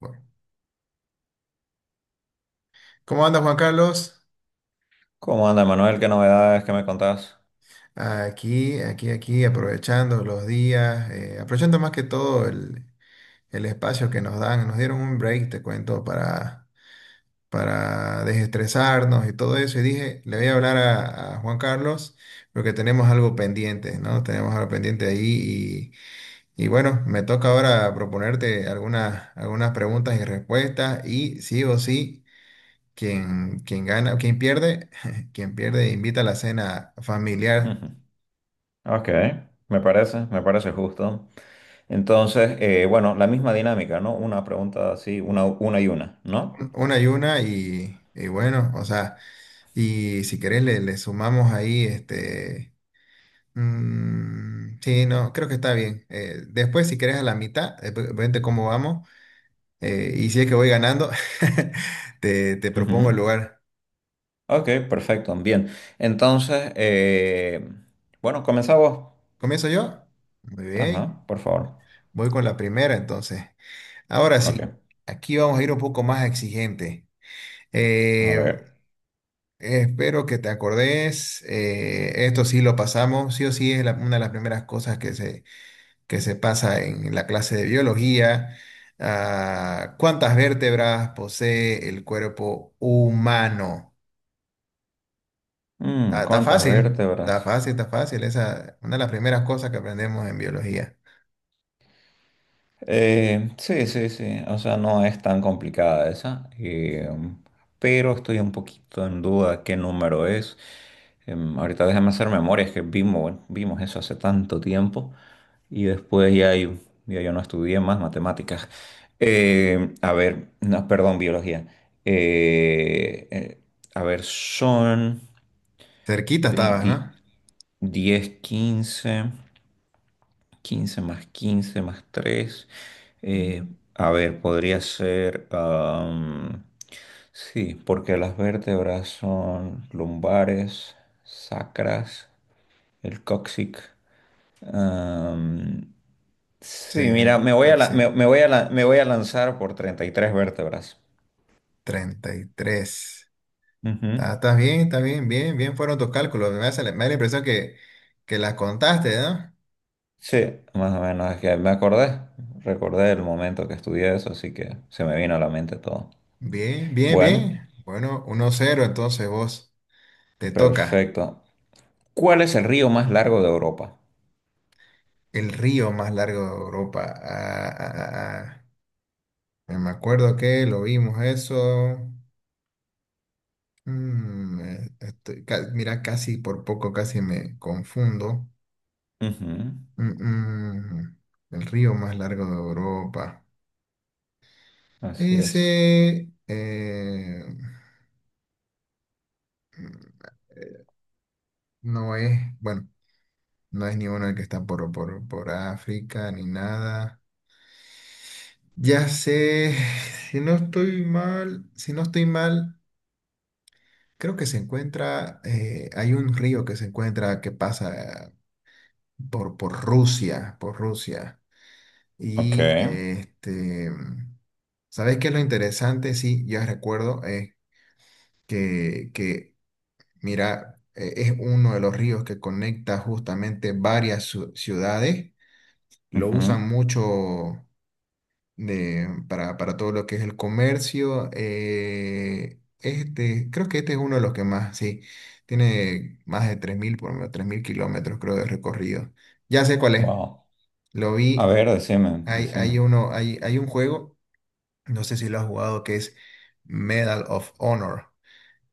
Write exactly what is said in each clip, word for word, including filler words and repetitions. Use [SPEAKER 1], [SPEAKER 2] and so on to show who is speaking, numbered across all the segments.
[SPEAKER 1] Bueno, ¿cómo anda Juan Carlos?
[SPEAKER 2] ¿Cómo anda, Manuel? ¿Qué novedades que me contás?
[SPEAKER 1] Aquí, aquí, aquí, aprovechando los días, eh, aprovechando más que todo el, el espacio que nos dan. Nos dieron un break, te cuento, para, para desestresarnos y todo eso. Y dije, le voy a hablar a, a Juan Carlos porque tenemos algo pendiente, ¿no? Tenemos algo pendiente ahí y, y bueno, me toca ahora proponerte algunas, algunas preguntas y respuestas y sí o sí. Quien, quien gana, quien pierde, quien pierde invita a la cena familiar.
[SPEAKER 2] Ok, me parece, me parece justo. Entonces, eh, bueno, la misma dinámica, ¿no? Una pregunta así, una, una y una, ¿no?
[SPEAKER 1] Un- una y una, y, y bueno, o sea, y si querés le, le sumamos ahí, este, mm, sí, no, creo que está bien. Eh, después, si querés a la mitad, eh, ve- vente cómo vamos, eh, y si es que voy ganando, te, te propongo
[SPEAKER 2] Ujú.
[SPEAKER 1] el lugar.
[SPEAKER 2] Ok, perfecto, bien. Entonces, eh, bueno, comenzamos.
[SPEAKER 1] ¿Comienzo yo? Muy bien,
[SPEAKER 2] Ajá, por favor.
[SPEAKER 1] voy con la primera entonces. Ahora sí,
[SPEAKER 2] Ok,
[SPEAKER 1] aquí vamos a ir un poco más exigente.
[SPEAKER 2] a
[SPEAKER 1] Eh,
[SPEAKER 2] ver.
[SPEAKER 1] Espero que te acordes. Eh, esto sí lo pasamos. Sí o sí es la- una de las primeras cosas que se, que se pasa en la clase de biología. Ah, ¿cuántas vértebras posee el cuerpo humano?
[SPEAKER 2] Mm,
[SPEAKER 1] Ah, está
[SPEAKER 2] ¿cuántas
[SPEAKER 1] fácil, está
[SPEAKER 2] vértebras?
[SPEAKER 1] fácil, está fácil. Esa es una de las primeras cosas que aprendemos en biología.
[SPEAKER 2] Eh, sí, sí, sí. O sea, no es tan complicada esa. Eh, pero estoy un poquito en duda qué número es. Em, ahorita déjame hacer memoria, es que vimos, vimos eso hace tanto tiempo. Y después ya yo, ya yo no estudié más matemáticas. Eh, a ver, no, perdón, biología. Eh, eh, a ver, son
[SPEAKER 1] Cerquita estabas, ¿no?
[SPEAKER 2] veinte, diez, quince quince más quince más tres, eh, a ver, podría ser... am, sí, porque las vértebras son lumbares, sacras, el cóccix. am,
[SPEAKER 1] Sí,
[SPEAKER 2] sí, mira,
[SPEAKER 1] eh,
[SPEAKER 2] me voy
[SPEAKER 1] creo
[SPEAKER 2] a,
[SPEAKER 1] que
[SPEAKER 2] la-
[SPEAKER 1] sí.
[SPEAKER 2] me, me voy a, la- me voy a lanzar por treinta y tres vértebras.
[SPEAKER 1] Treinta y tres.
[SPEAKER 2] Ujú.
[SPEAKER 1] Está- Estás bien, está bien, bien, bien fueron tus cálculos. Me hace la- me da la impresión que, que las contaste, ¿no?
[SPEAKER 2] Sí, más o menos, es que me acordé, recordé el momento que estudié eso, así que se me vino a la mente todo.
[SPEAKER 1] Bien, bien,
[SPEAKER 2] Bueno,
[SPEAKER 1] bien. Bueno, uno cero. Entonces vos, te toca.
[SPEAKER 2] perfecto. ¿Cuál es el río más largo de Europa?
[SPEAKER 1] El río más largo de Europa. Ah, ah, ah, ah. Me acuerdo que lo vimos eso. Mm, eh, estoy ca- mira, casi por poco, casi me confundo.
[SPEAKER 2] Ujú.
[SPEAKER 1] Mm, mm, el río más largo de Europa.
[SPEAKER 2] Así es.
[SPEAKER 1] Ese eh, no es, bueno, no es ni uno el que está por, por, por África ni nada. Ya sé, si no estoy mal, si no estoy mal, creo que se encuentra, eh, hay un río que se encuentra que pasa por, por Rusia, por Rusia.
[SPEAKER 2] Ok.
[SPEAKER 1] Y este, ¿sabes qué es lo interesante? Sí, ya recuerdo, es que, que, mira, eh, es uno de los ríos que conecta justamente varias ciu- ciudades. Lo usan
[SPEAKER 2] Ujú.
[SPEAKER 1] mucho de, para, para todo lo que es el comercio. Eh, este, creo que este es uno de los que más, sí, tiene más de tres mil, por lo menos tres mil kilómetros, creo, de recorrido. Ya sé cuál es,
[SPEAKER 2] Wow.
[SPEAKER 1] lo
[SPEAKER 2] A
[SPEAKER 1] vi,
[SPEAKER 2] ver, decime,
[SPEAKER 1] hay, hay
[SPEAKER 2] decime.
[SPEAKER 1] uno, hay, hay un juego, no sé si lo has jugado, que es Medal of Honor.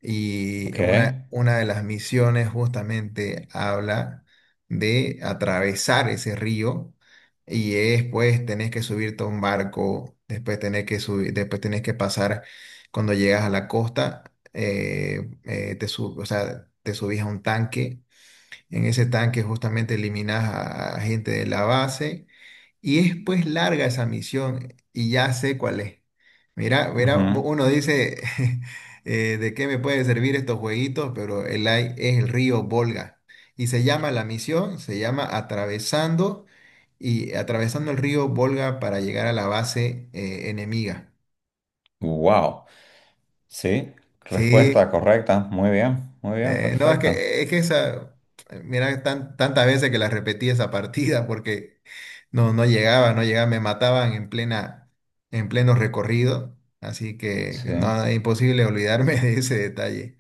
[SPEAKER 1] Y
[SPEAKER 2] Ok.
[SPEAKER 1] una, una de las misiones justamente habla de atravesar ese río, y es pues tenés que subirte a un barco, después tenés que subir, después tenés que pasar cuando llegas a la costa, eh, eh, te sub- o sea, te subís a un tanque. En ese tanque justamente eliminás a, a gente de la base, y es pues larga esa misión y ya sé cuál es. Mira, mira,
[SPEAKER 2] Ujú.
[SPEAKER 1] uno dice, eh, ¿de qué me puede servir estos jueguitos? Pero el A I es el río Volga. Y se llama la misión, se llama Atravesando, y atravesando el río Volga para llegar a la base eh, enemiga.
[SPEAKER 2] Wow. Sí.
[SPEAKER 1] Sí,
[SPEAKER 2] Respuesta correcta. Muy bien. Muy bien.
[SPEAKER 1] Eh, no, es
[SPEAKER 2] Perfecto.
[SPEAKER 1] que, es que esa, mira, tan- tantas veces que la repetí esa partida, porque no, no llegaba, no llegaba, me mataban en plena, en pleno recorrido, así que
[SPEAKER 2] Sí.
[SPEAKER 1] no, es imposible olvidarme de ese detalle.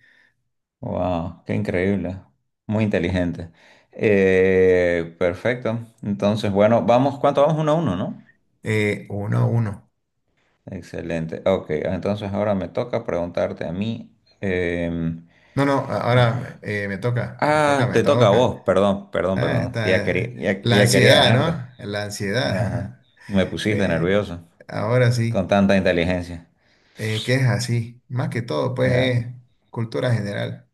[SPEAKER 2] Wow. Qué increíble. Muy inteligente. Eh, perfecto. Entonces, bueno, vamos. ¿Cuánto vamos? Uno a uno, ¿no?
[SPEAKER 1] Eh, uno, a uno.
[SPEAKER 2] Excelente. Ok. Entonces ahora me toca preguntarte a mí. Eh,
[SPEAKER 1] No, no, ahora eh, me toca, me toca,
[SPEAKER 2] Ah,
[SPEAKER 1] me
[SPEAKER 2] te toca a
[SPEAKER 1] toca.
[SPEAKER 2] vos, perdón, perdón,
[SPEAKER 1] Ah,
[SPEAKER 2] perdón. Sí, Ya quería,
[SPEAKER 1] está-
[SPEAKER 2] ya,
[SPEAKER 1] la
[SPEAKER 2] ya quería
[SPEAKER 1] ansiedad,
[SPEAKER 2] ganarte.
[SPEAKER 1] ¿no? La
[SPEAKER 2] Ajá.
[SPEAKER 1] ansiedad.
[SPEAKER 2] Me pusiste
[SPEAKER 1] Eh,
[SPEAKER 2] nervioso
[SPEAKER 1] Ahora
[SPEAKER 2] con
[SPEAKER 1] sí,
[SPEAKER 2] tanta inteligencia.
[SPEAKER 1] eh, que es así, más que todo, pues
[SPEAKER 2] Ya,
[SPEAKER 1] es cultura general.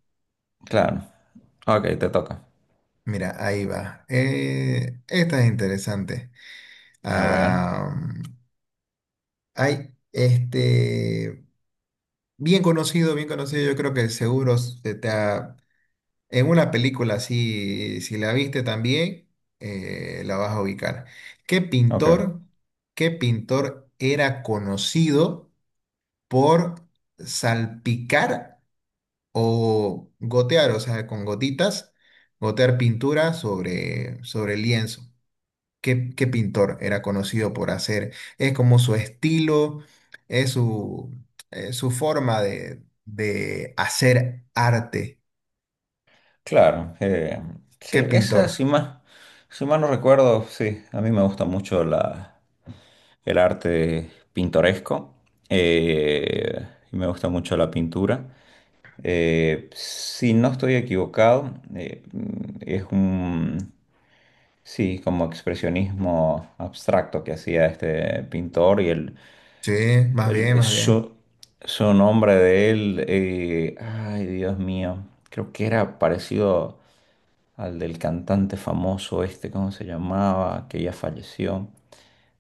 [SPEAKER 2] claro. Ok, te toca.
[SPEAKER 1] Mira, ahí va. Eh, esta es interesante.
[SPEAKER 2] A ver.
[SPEAKER 1] Ah, hay este bien conocido, bien conocido, yo creo que seguro se te ha- en una película así, si la viste también, eh, la vas a ubicar. ¿Qué
[SPEAKER 2] Ok.
[SPEAKER 1] pintor, qué pintor era conocido por salpicar o gotear, o sea, con gotitas, gotear pintura sobre, sobre el lienzo? qué, qué pintor era conocido por hacer? Es como su estilo, es su, eh, su forma de, de hacer arte.
[SPEAKER 2] Claro. Eh,
[SPEAKER 1] ¿Qué
[SPEAKER 2] sí, esa,
[SPEAKER 1] pintor?
[SPEAKER 2] si más, si mal no recuerdo, sí, a mí me gusta mucho la, el arte pintoresco. eh, y me gusta mucho la pintura. Eh, si no estoy equivocado, eh, es un... Sí, como expresionismo abstracto que hacía este pintor y el,
[SPEAKER 1] Sí, más bien,
[SPEAKER 2] el-
[SPEAKER 1] más bien.
[SPEAKER 2] su, su nombre de él, eh, ay Dios mío, creo que era parecido al del cantante famoso este. ¿Cómo se llamaba? Que ya falleció.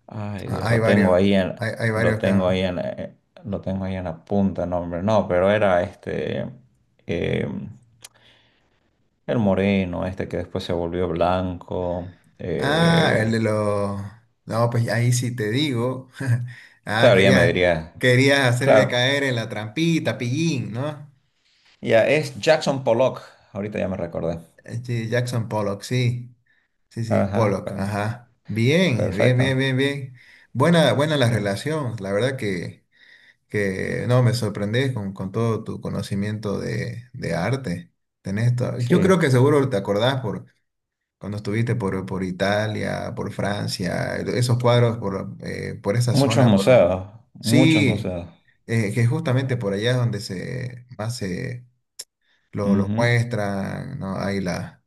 [SPEAKER 2] Ay
[SPEAKER 1] Ah,
[SPEAKER 2] Dios,
[SPEAKER 1] hay
[SPEAKER 2] lo
[SPEAKER 1] varios,
[SPEAKER 2] tengo ahí en,
[SPEAKER 1] hay, hay
[SPEAKER 2] lo
[SPEAKER 1] varios
[SPEAKER 2] tengo
[SPEAKER 1] acá.
[SPEAKER 2] ahí en, eh, lo tengo ahí en la punta, el nombre, no, pero era este, eh, el moreno, este que después se volvió blanco.
[SPEAKER 1] Ah, el de
[SPEAKER 2] eh,
[SPEAKER 1] los. No, pues ahí sí te digo. Ah,
[SPEAKER 2] Claro, ya me
[SPEAKER 1] querías,
[SPEAKER 2] diría.
[SPEAKER 1] querías hacerme
[SPEAKER 2] Claro,
[SPEAKER 1] caer en la trampita, pillín, ¿no?
[SPEAKER 2] ya es Jackson Pollock. Ahorita ya me recordé.
[SPEAKER 1] Eh, Sí, Jackson Pollock, sí. Sí, sí,
[SPEAKER 2] Ajá,
[SPEAKER 1] Pollock,
[SPEAKER 2] per-
[SPEAKER 1] ajá. Bien, bien, bien,
[SPEAKER 2] perfecto.
[SPEAKER 1] bien, bien. Buena, buena la
[SPEAKER 2] Sí.
[SPEAKER 1] relación. La verdad que, que no, me sorprendes con, con todo tu conocimiento de, de arte. Tenés to- Yo
[SPEAKER 2] Sí,
[SPEAKER 1] creo que seguro te acordás por cuando estuviste por, por Italia, por Francia, esos cuadros por, eh, por esa
[SPEAKER 2] muchos
[SPEAKER 1] zona. Por.
[SPEAKER 2] museos, muchos
[SPEAKER 1] Sí,
[SPEAKER 2] museos.
[SPEAKER 1] eh, que justamente por allá es donde se más se los, los
[SPEAKER 2] Ujú.
[SPEAKER 1] muestran, ¿no? Hay la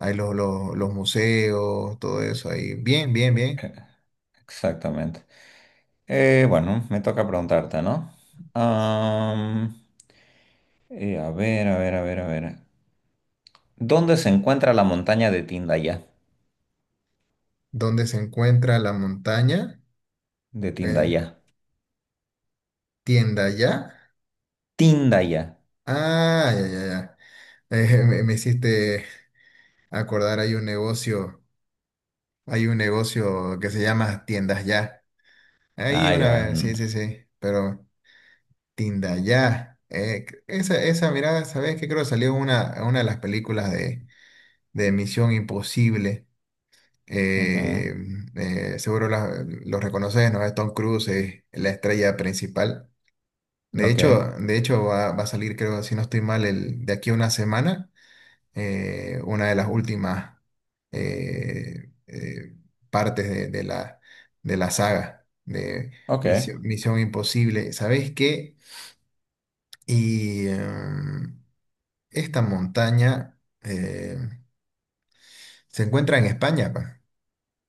[SPEAKER 1] hay los, los, los museos, todo eso ahí. Bien, bien, bien.
[SPEAKER 2] Exactamente. Eh, bueno, me toca preguntarte, ¿no? Am, eh, a ver, a ver, a ver, a ver. ¿Dónde se encuentra la montaña de Tindaya?
[SPEAKER 1] ¿Dónde se encuentra la montaña?
[SPEAKER 2] De
[SPEAKER 1] Eh,
[SPEAKER 2] Tindaya.
[SPEAKER 1] Tienda ya.
[SPEAKER 2] Tindaya.
[SPEAKER 1] Ah, ya, ya, ya. Eh, me, me hiciste acordar, hay un negocio, hay un negocio que se llama Tiendas Ya. Ahí
[SPEAKER 2] Ah,
[SPEAKER 1] una
[SPEAKER 2] ya.
[SPEAKER 1] vez, sí,
[SPEAKER 2] Mm.
[SPEAKER 1] sí, sí. Pero Tienda Ya. eh, esa, esa mirada, ¿sabes qué? Creo que salió en una, en una de las películas de, de Misión Imposible.
[SPEAKER 2] Ujú.
[SPEAKER 1] eh, eh, Seguro la- lo reconoces, ¿no? Tom Cruise es la estrella principal. De
[SPEAKER 2] Ok,
[SPEAKER 1] hecho, de hecho va, va a salir, creo, si no estoy mal, el, de aquí a una semana, eh, una de las últimas eh, eh, partes de, de la, de la saga de
[SPEAKER 2] ok.
[SPEAKER 1] Misión, Misión Imposible. ¿Sabes qué? Y em, esta montaña eh, se encuentra en España, pa.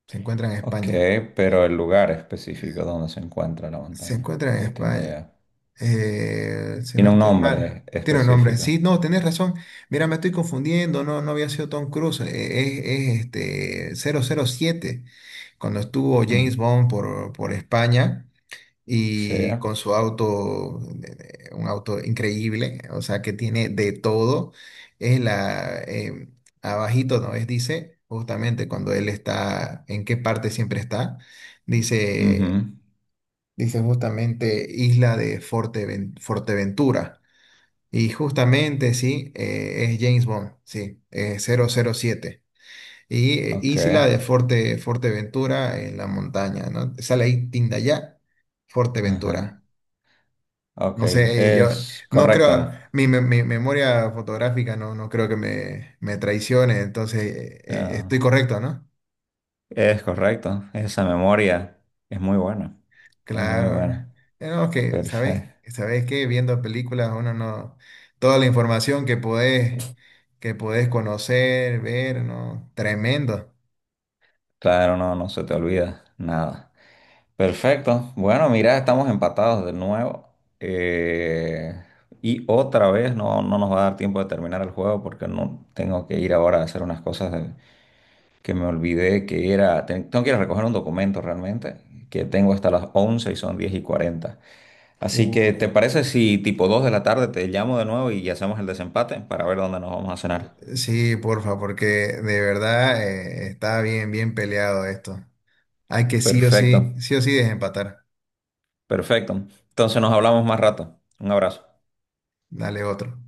[SPEAKER 1] Se encuentra en
[SPEAKER 2] Ok,
[SPEAKER 1] España.
[SPEAKER 2] pero el lugar específico donde se encuentra la
[SPEAKER 1] Se
[SPEAKER 2] montaña
[SPEAKER 1] encuentra en
[SPEAKER 2] de
[SPEAKER 1] España.
[SPEAKER 2] Tindaya.
[SPEAKER 1] Eh, si no
[SPEAKER 2] Tiene un
[SPEAKER 1] estoy mal.
[SPEAKER 2] nombre
[SPEAKER 1] Tiene un nombre.
[SPEAKER 2] específico.
[SPEAKER 1] Sí, no, tenés razón. Mira, me estoy confundiendo. No, no había sido Tom Cruise. eh, Es, es, este cero cero siete. Cuando estuvo James
[SPEAKER 2] Mm.
[SPEAKER 1] Bond por, por España
[SPEAKER 2] Sí.
[SPEAKER 1] y con su auto, eh, un auto increíble, o sea, que tiene de todo. Es la, eh, Abajito, ¿no? Es, dice, justamente cuando él está, en qué parte siempre está. Dice
[SPEAKER 2] Ujú.
[SPEAKER 1] Dice justamente Isla de Forteven- Forteventura. Y justamente, sí, eh, es James Bond, sí, eh, cero cero siete. Y eh,
[SPEAKER 2] Ok.
[SPEAKER 1] Isla de Forte, Forteventura en la montaña, ¿no? Sale ahí Tindaya,
[SPEAKER 2] Ajá.
[SPEAKER 1] Forteventura.
[SPEAKER 2] Ok.
[SPEAKER 1] No sé, eh, yo
[SPEAKER 2] Es
[SPEAKER 1] no
[SPEAKER 2] correcto.
[SPEAKER 1] creo, mi, me- mi memoria fotográfica no, no creo que me, me traicione, entonces eh, eh,
[SPEAKER 2] Ah,
[SPEAKER 1] estoy correcto, ¿no?
[SPEAKER 2] es correcto. Esa memoria es muy buena. Es muy
[SPEAKER 1] Claro.
[SPEAKER 2] buena.
[SPEAKER 1] Eh, No, que sabes,
[SPEAKER 2] Perfecto.
[SPEAKER 1] sabes que viendo películas, uno no, toda la información que podés, que podés, conocer, ver, ¿no? Tremendo.
[SPEAKER 2] Claro, no, no se te olvida nada. Perfecto. Bueno, mira, estamos empatados de nuevo. Eh, y otra vez no, no nos va a dar tiempo de terminar el juego porque no tengo que ir ahora a hacer unas cosas de- que me olvidé que era. ten- tengo que ir a recoger un documento realmente que tengo hasta las once y son diez y cuarenta. Así que, ¿te
[SPEAKER 1] Uy.
[SPEAKER 2] parece si tipo dos de la tarde te llamo de nuevo y hacemos el desempate para ver dónde nos vamos a cenar?
[SPEAKER 1] Sí, porfa, porque de verdad eh, está bien, bien peleado esto. Hay que sí o
[SPEAKER 2] Perfecto,
[SPEAKER 1] sí, sí o sí desempatar.
[SPEAKER 2] perfecto. Entonces nos hablamos más rato. Un abrazo.
[SPEAKER 1] Dale otro.